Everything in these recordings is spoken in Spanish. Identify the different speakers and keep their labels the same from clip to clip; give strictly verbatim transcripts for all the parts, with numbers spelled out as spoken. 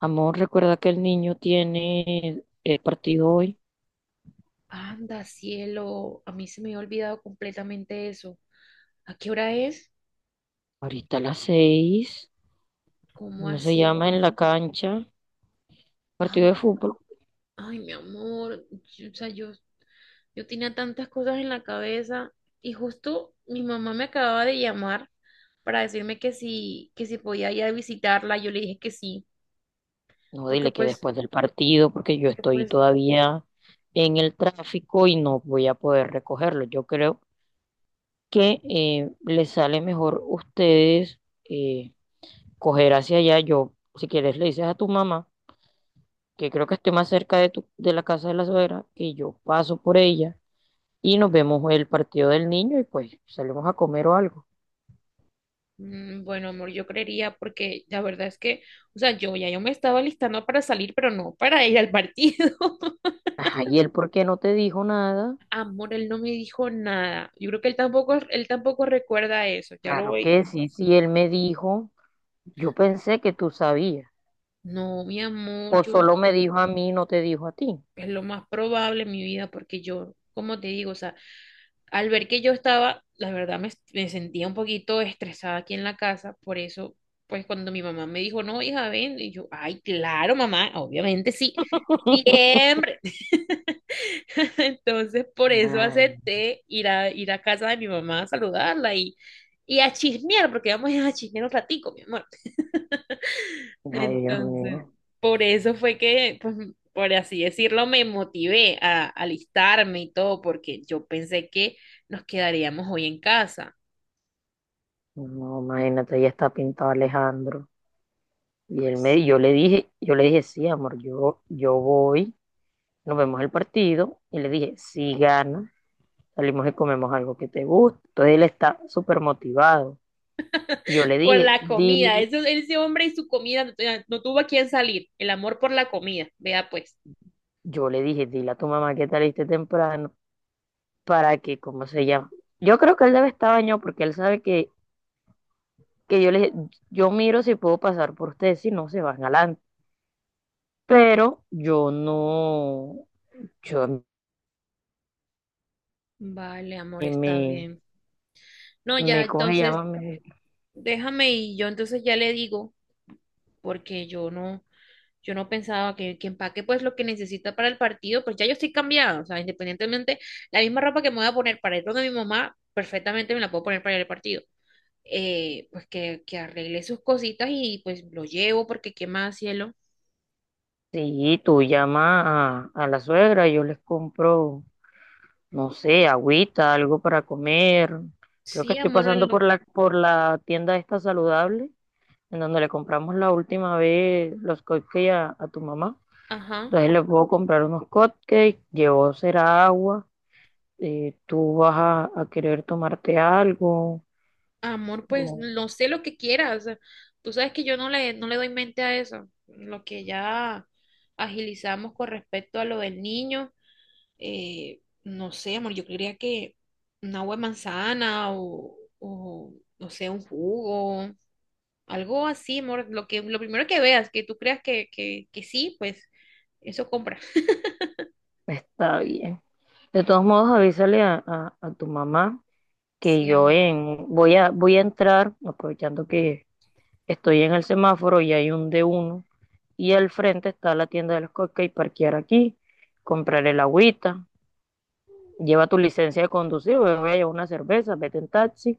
Speaker 1: Amor, recuerda que el niño tiene el partido hoy,
Speaker 2: Anda, cielo, a mí se me había olvidado completamente eso. ¿A qué hora es?
Speaker 1: ahorita a las seis.
Speaker 2: ¿Cómo
Speaker 1: ¿Cómo se
Speaker 2: así?
Speaker 1: llama en la cancha? Partido
Speaker 2: Ah,
Speaker 1: de fútbol.
Speaker 2: ay, mi amor, yo- o sea, yo, yo tenía tantas cosas en la cabeza y justo mi mamá me acababa de llamar para decirme que si, que si podía ir a visitarla, yo le dije que sí,
Speaker 1: No,
Speaker 2: porque
Speaker 1: dile que
Speaker 2: pues,
Speaker 1: después del partido, porque yo
Speaker 2: que
Speaker 1: estoy
Speaker 2: pues,
Speaker 1: todavía en el tráfico y no voy a poder recogerlo. Yo creo que eh, les sale mejor ustedes eh, coger hacia allá. Yo, si quieres, le dices a tu mamá que creo que estoy más cerca de tu, de la casa de la suegra, que yo paso por ella y nos vemos el partido del niño y pues salimos a comer o algo.
Speaker 2: mm, bueno, amor, yo creería porque la verdad es que, o sea, yo ya yo me estaba listando para salir, pero no para ir al partido.
Speaker 1: Ajá, ¿y él por qué no te dijo nada?
Speaker 2: Amor, él no me dijo nada. Yo creo que él tampoco, él tampoco recuerda eso. Ya lo
Speaker 1: Claro
Speaker 2: voy.
Speaker 1: que sí, si él me dijo, yo pensé que tú sabías.
Speaker 2: No, mi amor,
Speaker 1: O
Speaker 2: yo
Speaker 1: solo me dijo a mí, no te dijo a ti.
Speaker 2: es lo más probable en mi vida porque yo, como te digo, o sea, al ver que yo estaba, la verdad me, me sentía un poquito estresada aquí en la casa. Por eso, pues cuando mi mamá me dijo, no, hija, ven, y yo, ay, claro, mamá, obviamente sí. Siempre. Entonces, por eso
Speaker 1: Ay,
Speaker 2: acepté ir a, ir a casa de mi mamá a saludarla y, y a chismear, porque vamos a chismear un ratico, mi amor.
Speaker 1: ay, Dios
Speaker 2: Entonces,
Speaker 1: mío.
Speaker 2: por eso fue que, pues, por así decirlo, me motivé a alistarme y todo, porque yo pensé que nos quedaríamos hoy en casa.
Speaker 1: No, imagínate, ya está pintado Alejandro. Y él me, yo le dije, yo le dije, sí, amor, yo, yo voy, nos vemos el partido. Y le dije, sí, gana, salimos y comemos algo que te guste. Entonces él está súper motivado. Y yo le
Speaker 2: Por
Speaker 1: dije,
Speaker 2: la comida,
Speaker 1: di,
Speaker 2: eso, ese hombre y su comida no, tenía- no tuvo a quién salir. El amor por la comida, vea pues.
Speaker 1: yo le dije, dile a tu mamá que te aliste temprano para que, ¿cómo se llama? Yo creo que él debe estar bañado porque él sabe que, que yo le, yo miro si puedo pasar por ustedes, si no se van adelante. Pero yo no, yo a mí
Speaker 2: Vale, amor, está
Speaker 1: me,
Speaker 2: bien. No, ya,
Speaker 1: me coge,
Speaker 2: entonces
Speaker 1: llama, me,
Speaker 2: déjame y yo entonces ya le digo, porque yo no, yo no pensaba que, que empaque pues lo que necesita para el partido, pues ya yo estoy cambiada, o sea, independientemente, la misma ropa que me voy a poner para ir donde mi mamá, perfectamente me la puedo poner para ir al partido. Eh, pues que, que arregle sus cositas y pues lo llevo porque qué más, cielo.
Speaker 1: sí, tú llama a, a la suegra, yo les compro, no sé, agüita, algo para comer. Creo que
Speaker 2: Sí,
Speaker 1: estoy
Speaker 2: amor, en
Speaker 1: pasando
Speaker 2: lo…
Speaker 1: por la, por la tienda esta saludable en donde le compramos la última vez los cupcakes a, a tu mamá.
Speaker 2: Ajá,
Speaker 1: Entonces le puedo comprar unos cupcakes, llevó será agua, eh, tú vas a, a querer tomarte algo,
Speaker 2: amor, pues
Speaker 1: o-
Speaker 2: no sé lo que quieras. Tú sabes que yo no le, no le doy mente a eso, lo que ya agilizamos con respecto a lo del niño. Eh, no sé, amor, yo creería que un agua de manzana o, o, no sé, un jugo, algo así, amor, lo que, lo primero que veas, que tú creas que, que, que sí, pues eso compra.
Speaker 1: está bien. De todos modos, avísale a, a- a tu mamá que
Speaker 2: Sí,
Speaker 1: yo
Speaker 2: am-
Speaker 1: en, voy a, voy a entrar, aprovechando que estoy en el semáforo y hay un D uno, y al frente está la tienda de los cupcakes, parquear aquí, comprar el agüita, lleva tu licencia de conducir, voy a llevar una cerveza, vete en taxi,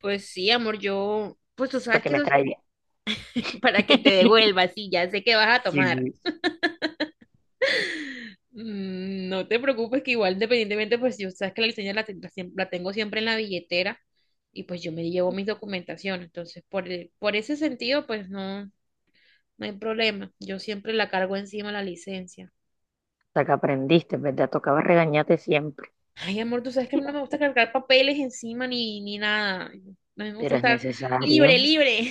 Speaker 2: Pues sí, amor, yo, pues tú
Speaker 1: para
Speaker 2: sabes
Speaker 1: que
Speaker 2: que
Speaker 1: me
Speaker 2: eso es
Speaker 1: traiga.
Speaker 2: para que te devuelvas, sí, ya sé que vas a tomar.
Speaker 1: Sí.
Speaker 2: Mm, No te preocupes que igual independientemente, pues yo sabes que la licencia la, ten- la siem- la tengo siempre en la billetera y pues yo me llevo mis documentaciones. Entonces, por, el- por ese sentido, pues no, no hay problema. Yo siempre la cargo encima la licencia.
Speaker 1: Hasta que aprendiste, ¿verdad? Tocaba regañarte siempre,
Speaker 2: Ay, amor, tú sabes que a mí no me gusta cargar papeles encima ni, ni nada. A mí me gusta
Speaker 1: pero es
Speaker 2: estar libre,
Speaker 1: necesario,
Speaker 2: libre.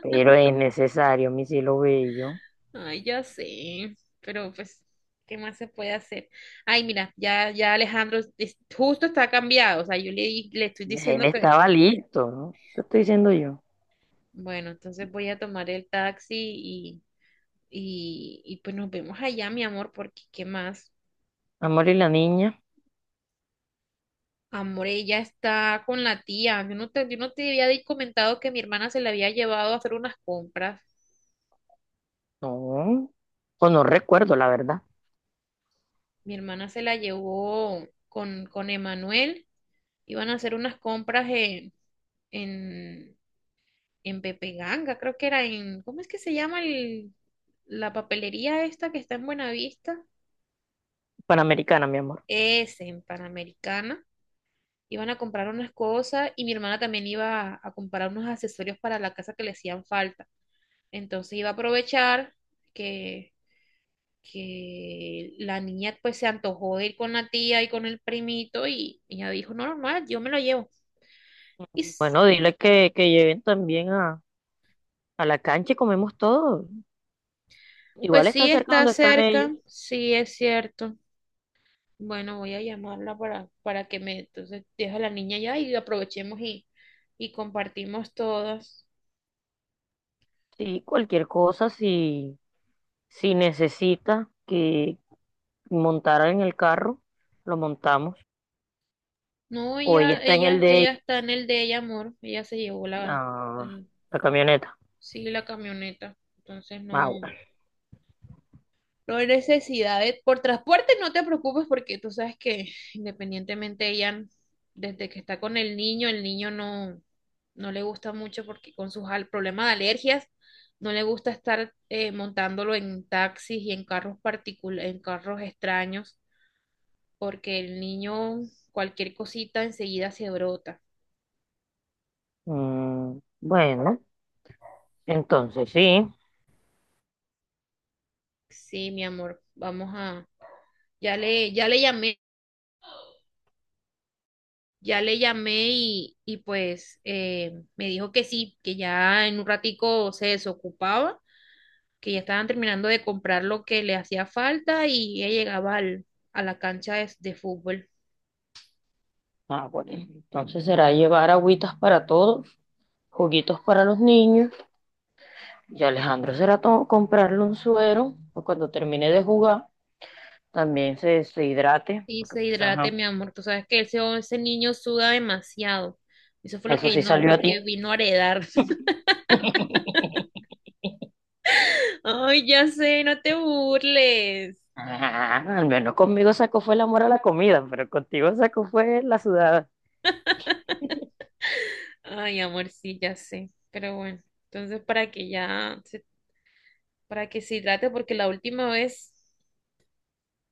Speaker 1: pero es necesario, mi cielo bello.
Speaker 2: Ay, ya sé. Pero pues, ¿qué más se puede hacer? Ay, mira, ya, ya Alejandro es- justo está cambiado. O sea, yo le, le estoy
Speaker 1: Él
Speaker 2: diciendo que,
Speaker 1: estaba listo, ¿no? Te estoy diciendo yo.
Speaker 2: bueno, entonces voy a tomar el taxi y, y, y pues nos vemos allá, mi amor, porque ¿qué más?
Speaker 1: Amor y la niña,
Speaker 2: Amore ya está con la tía. Yo no te, yo no te había di- comentado que mi hermana se la había llevado a hacer unas compras.
Speaker 1: no, o no recuerdo, la verdad.
Speaker 2: Mi hermana se la llevó con, con Emanuel. Iban a hacer unas compras en, en, en Pepe Ganga, creo que era en, ¿cómo es que se llama el, la papelería esta que está en Buenavista?
Speaker 1: Panamericana, mi amor.
Speaker 2: Es en Panamericana. Iban a comprar unas cosas y mi hermana también iba a, a comprar unos accesorios para la casa que le hacían falta. Entonces iba a aprovechar que que la niña pues se antojó de ir con la tía y con el primito y y ella dijo, no, normal, yo me lo llevo. Y s-
Speaker 1: Bueno, dile que, que lleven también a, a la cancha y comemos todo.
Speaker 2: pues
Speaker 1: Igual está
Speaker 2: sí
Speaker 1: cerca
Speaker 2: está
Speaker 1: donde están ellos.
Speaker 2: cerca, sí es cierto. Bueno, voy a llamarla para, para que me, entonces deja a la niña ya y aprovechemos y, y compartimos todas.
Speaker 1: Sí, cualquier cosa, si si necesita que montara en el carro, lo montamos.
Speaker 2: No,
Speaker 1: O ella
Speaker 2: ella,
Speaker 1: está en el
Speaker 2: ella,
Speaker 1: de ella.
Speaker 2: ella está en el de ella, amor. Ella se llevó la,
Speaker 1: Ah,
Speaker 2: eh,
Speaker 1: la camioneta.
Speaker 2: sí, la camioneta. Entonces no.
Speaker 1: Ah, bueno.
Speaker 2: No hay necesidad de… Por transporte no te preocupes porque tú sabes que independientemente ella, desde que está con el niño, el niño no, no le gusta mucho porque con sus al- problemas de alergias, no le gusta estar eh, montándolo en taxis y en carros particulares, en carros extraños, porque el niño cualquier cosita enseguida se brota.
Speaker 1: Mm, bueno, entonces sí.
Speaker 2: Sí, mi amor, vamos a… Ya le, ya le llamé. Ya le llamé y, y pues eh, me dijo que sí, que ya en un ratico se desocupaba, que ya estaban terminando de comprar lo que le hacía falta y ella llegaba al- a la cancha de, de fútbol.
Speaker 1: Ah, bueno. Entonces será llevar agüitas para todos, juguitos para los niños. Y Alejandro será to- comprarle un suero. O cuando termine de jugar, también se, se hidrate.
Speaker 2: Y
Speaker 1: Porque
Speaker 2: se
Speaker 1: pues,
Speaker 2: hidrate,
Speaker 1: ajá.
Speaker 2: mi amor. Tú sabes que ese, ese niño suda demasiado. Eso fue lo que
Speaker 1: Eso sí
Speaker 2: vino,
Speaker 1: salió a
Speaker 2: lo
Speaker 1: ti.
Speaker 2: que vino a heredar. Ay, ya sé, no te burles.
Speaker 1: Ah, al menos conmigo sacó fue el amor a la comida, pero contigo sacó fue la sudada.
Speaker 2: Ay, amor, sí, ya sé. Pero bueno, entonces para que ya, se- para que se hidrate, porque la última vez…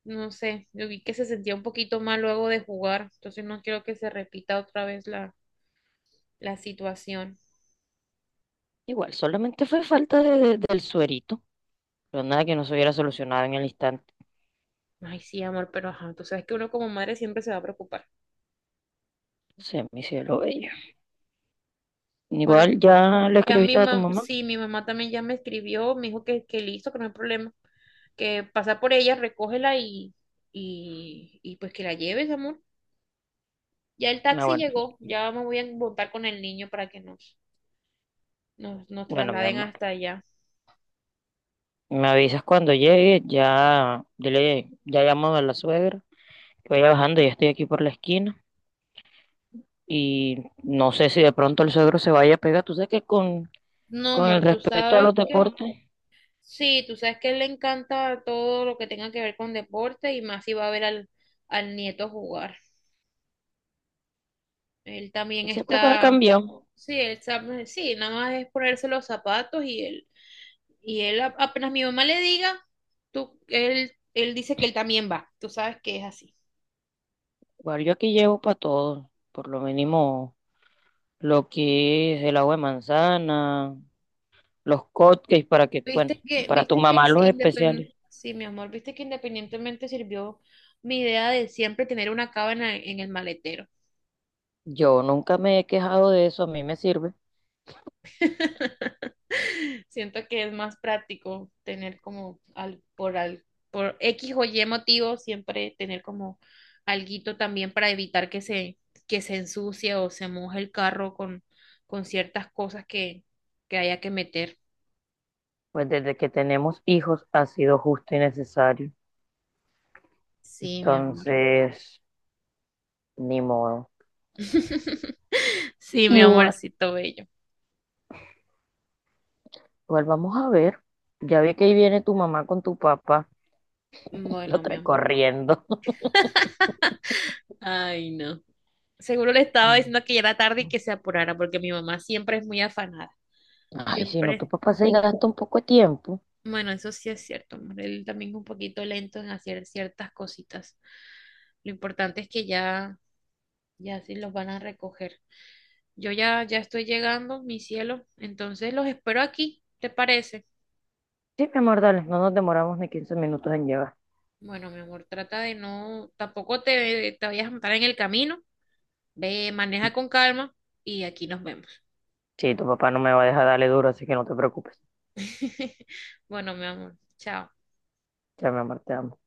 Speaker 2: no sé, yo vi que se sentía un poquito mal luego de jugar, entonces no quiero que se repita otra vez la, la situación.
Speaker 1: Igual, solamente fue falta de- de- del suerito, pero nada que no se hubiera solucionado en el instante.
Speaker 2: Ay, sí, amor, pero ajá, tú sabes que uno como madre siempre se va a preocupar.
Speaker 1: Se me cielo bello.
Speaker 2: Bueno,
Speaker 1: Igual ya le
Speaker 2: ya mi
Speaker 1: escribiste a tu
Speaker 2: mamá,
Speaker 1: mamá.
Speaker 2: sí, mi mamá también ya me escribió, me dijo que, que listo, que no hay problema, que pasa por ella, recógela y, y, y pues que la lleves, amor. Ya el
Speaker 1: Ah,
Speaker 2: taxi
Speaker 1: bueno,
Speaker 2: llegó, ya me voy a montar con el niño para que nos, nos, nos
Speaker 1: bueno, mi
Speaker 2: trasladen
Speaker 1: mamá.
Speaker 2: hasta allá.
Speaker 1: Me avisas cuando llegue, ya dile, ya llamo a la suegra. Voy bajando, ya estoy aquí por la esquina. Y no sé si de pronto el suegro se vaya a pegar. Tú sabes que con,
Speaker 2: No,
Speaker 1: con el
Speaker 2: amor, tú
Speaker 1: respeto a
Speaker 2: sabes
Speaker 1: los
Speaker 2: que…
Speaker 1: deportes,
Speaker 2: Sí, tú sabes que a él le encanta todo lo que tenga que ver con deporte y más si va a ver al, al nieto jugar. Él también
Speaker 1: él siempre para
Speaker 2: está,
Speaker 1: cambiar.
Speaker 2: sí, él sabe, sí, nada más es ponerse los zapatos y él, y él a- apenas mi mamá le diga, tú, él, él dice que él también va. Tú sabes que es así.
Speaker 1: Igual yo aquí llevo para todo, por lo mínimo lo que es el agua de manzana, los cupcakes para que, bueno,
Speaker 2: Viste que,
Speaker 1: para tu
Speaker 2: viste que
Speaker 1: mamá
Speaker 2: sí,
Speaker 1: los
Speaker 2: independ-
Speaker 1: especiales.
Speaker 2: sí, mi amor, viste que independientemente sirvió mi idea de siempre tener una cábana en el maletero.
Speaker 1: Yo nunca me he quejado de eso, a mí me sirve,
Speaker 2: Siento que es más práctico tener como al, por al, por X o Y motivo, siempre tener como alguito también para evitar que se, que se ensucie o se moje el carro con, con ciertas cosas que, que haya que meter.
Speaker 1: pues desde que tenemos hijos ha sido justo y necesario.
Speaker 2: Sí, mi amor.
Speaker 1: Entonces, ni modo.
Speaker 2: Sí, mi
Speaker 1: Igual.
Speaker 2: amorcito bello.
Speaker 1: Igual vamos a ver. Ya vi que ahí viene tu mamá con tu papá, lo
Speaker 2: Bueno, mi
Speaker 1: trae
Speaker 2: amor.
Speaker 1: corriendo.
Speaker 2: Ay, no. Seguro le estaba diciendo que ya era tarde y que se apurara, porque mi mamá siempre es muy afanada.
Speaker 1: Ay, si no, tu
Speaker 2: Siempre
Speaker 1: papá se gasta un poco de tiempo.
Speaker 2: bueno, eso sí es cierto, amor. Él también es un poquito lento en hacer ciertas cositas. Lo importante es que ya, ya sí los van a recoger. Yo ya, ya estoy llegando, mi cielo. Entonces los espero aquí, ¿te parece?
Speaker 1: Sí, mi amor, dale, no nos demoramos ni quince minutos en llegar.
Speaker 2: Bueno, mi amor, trata de no, tampoco te, te vayas a matar en el camino. Ve, maneja con calma y aquí nos vemos.
Speaker 1: Sí, tu papá no me va a dejar darle duro, así que no te preocupes.
Speaker 2: Bueno, mi amor, chao.
Speaker 1: Ya, mi amor, te amo.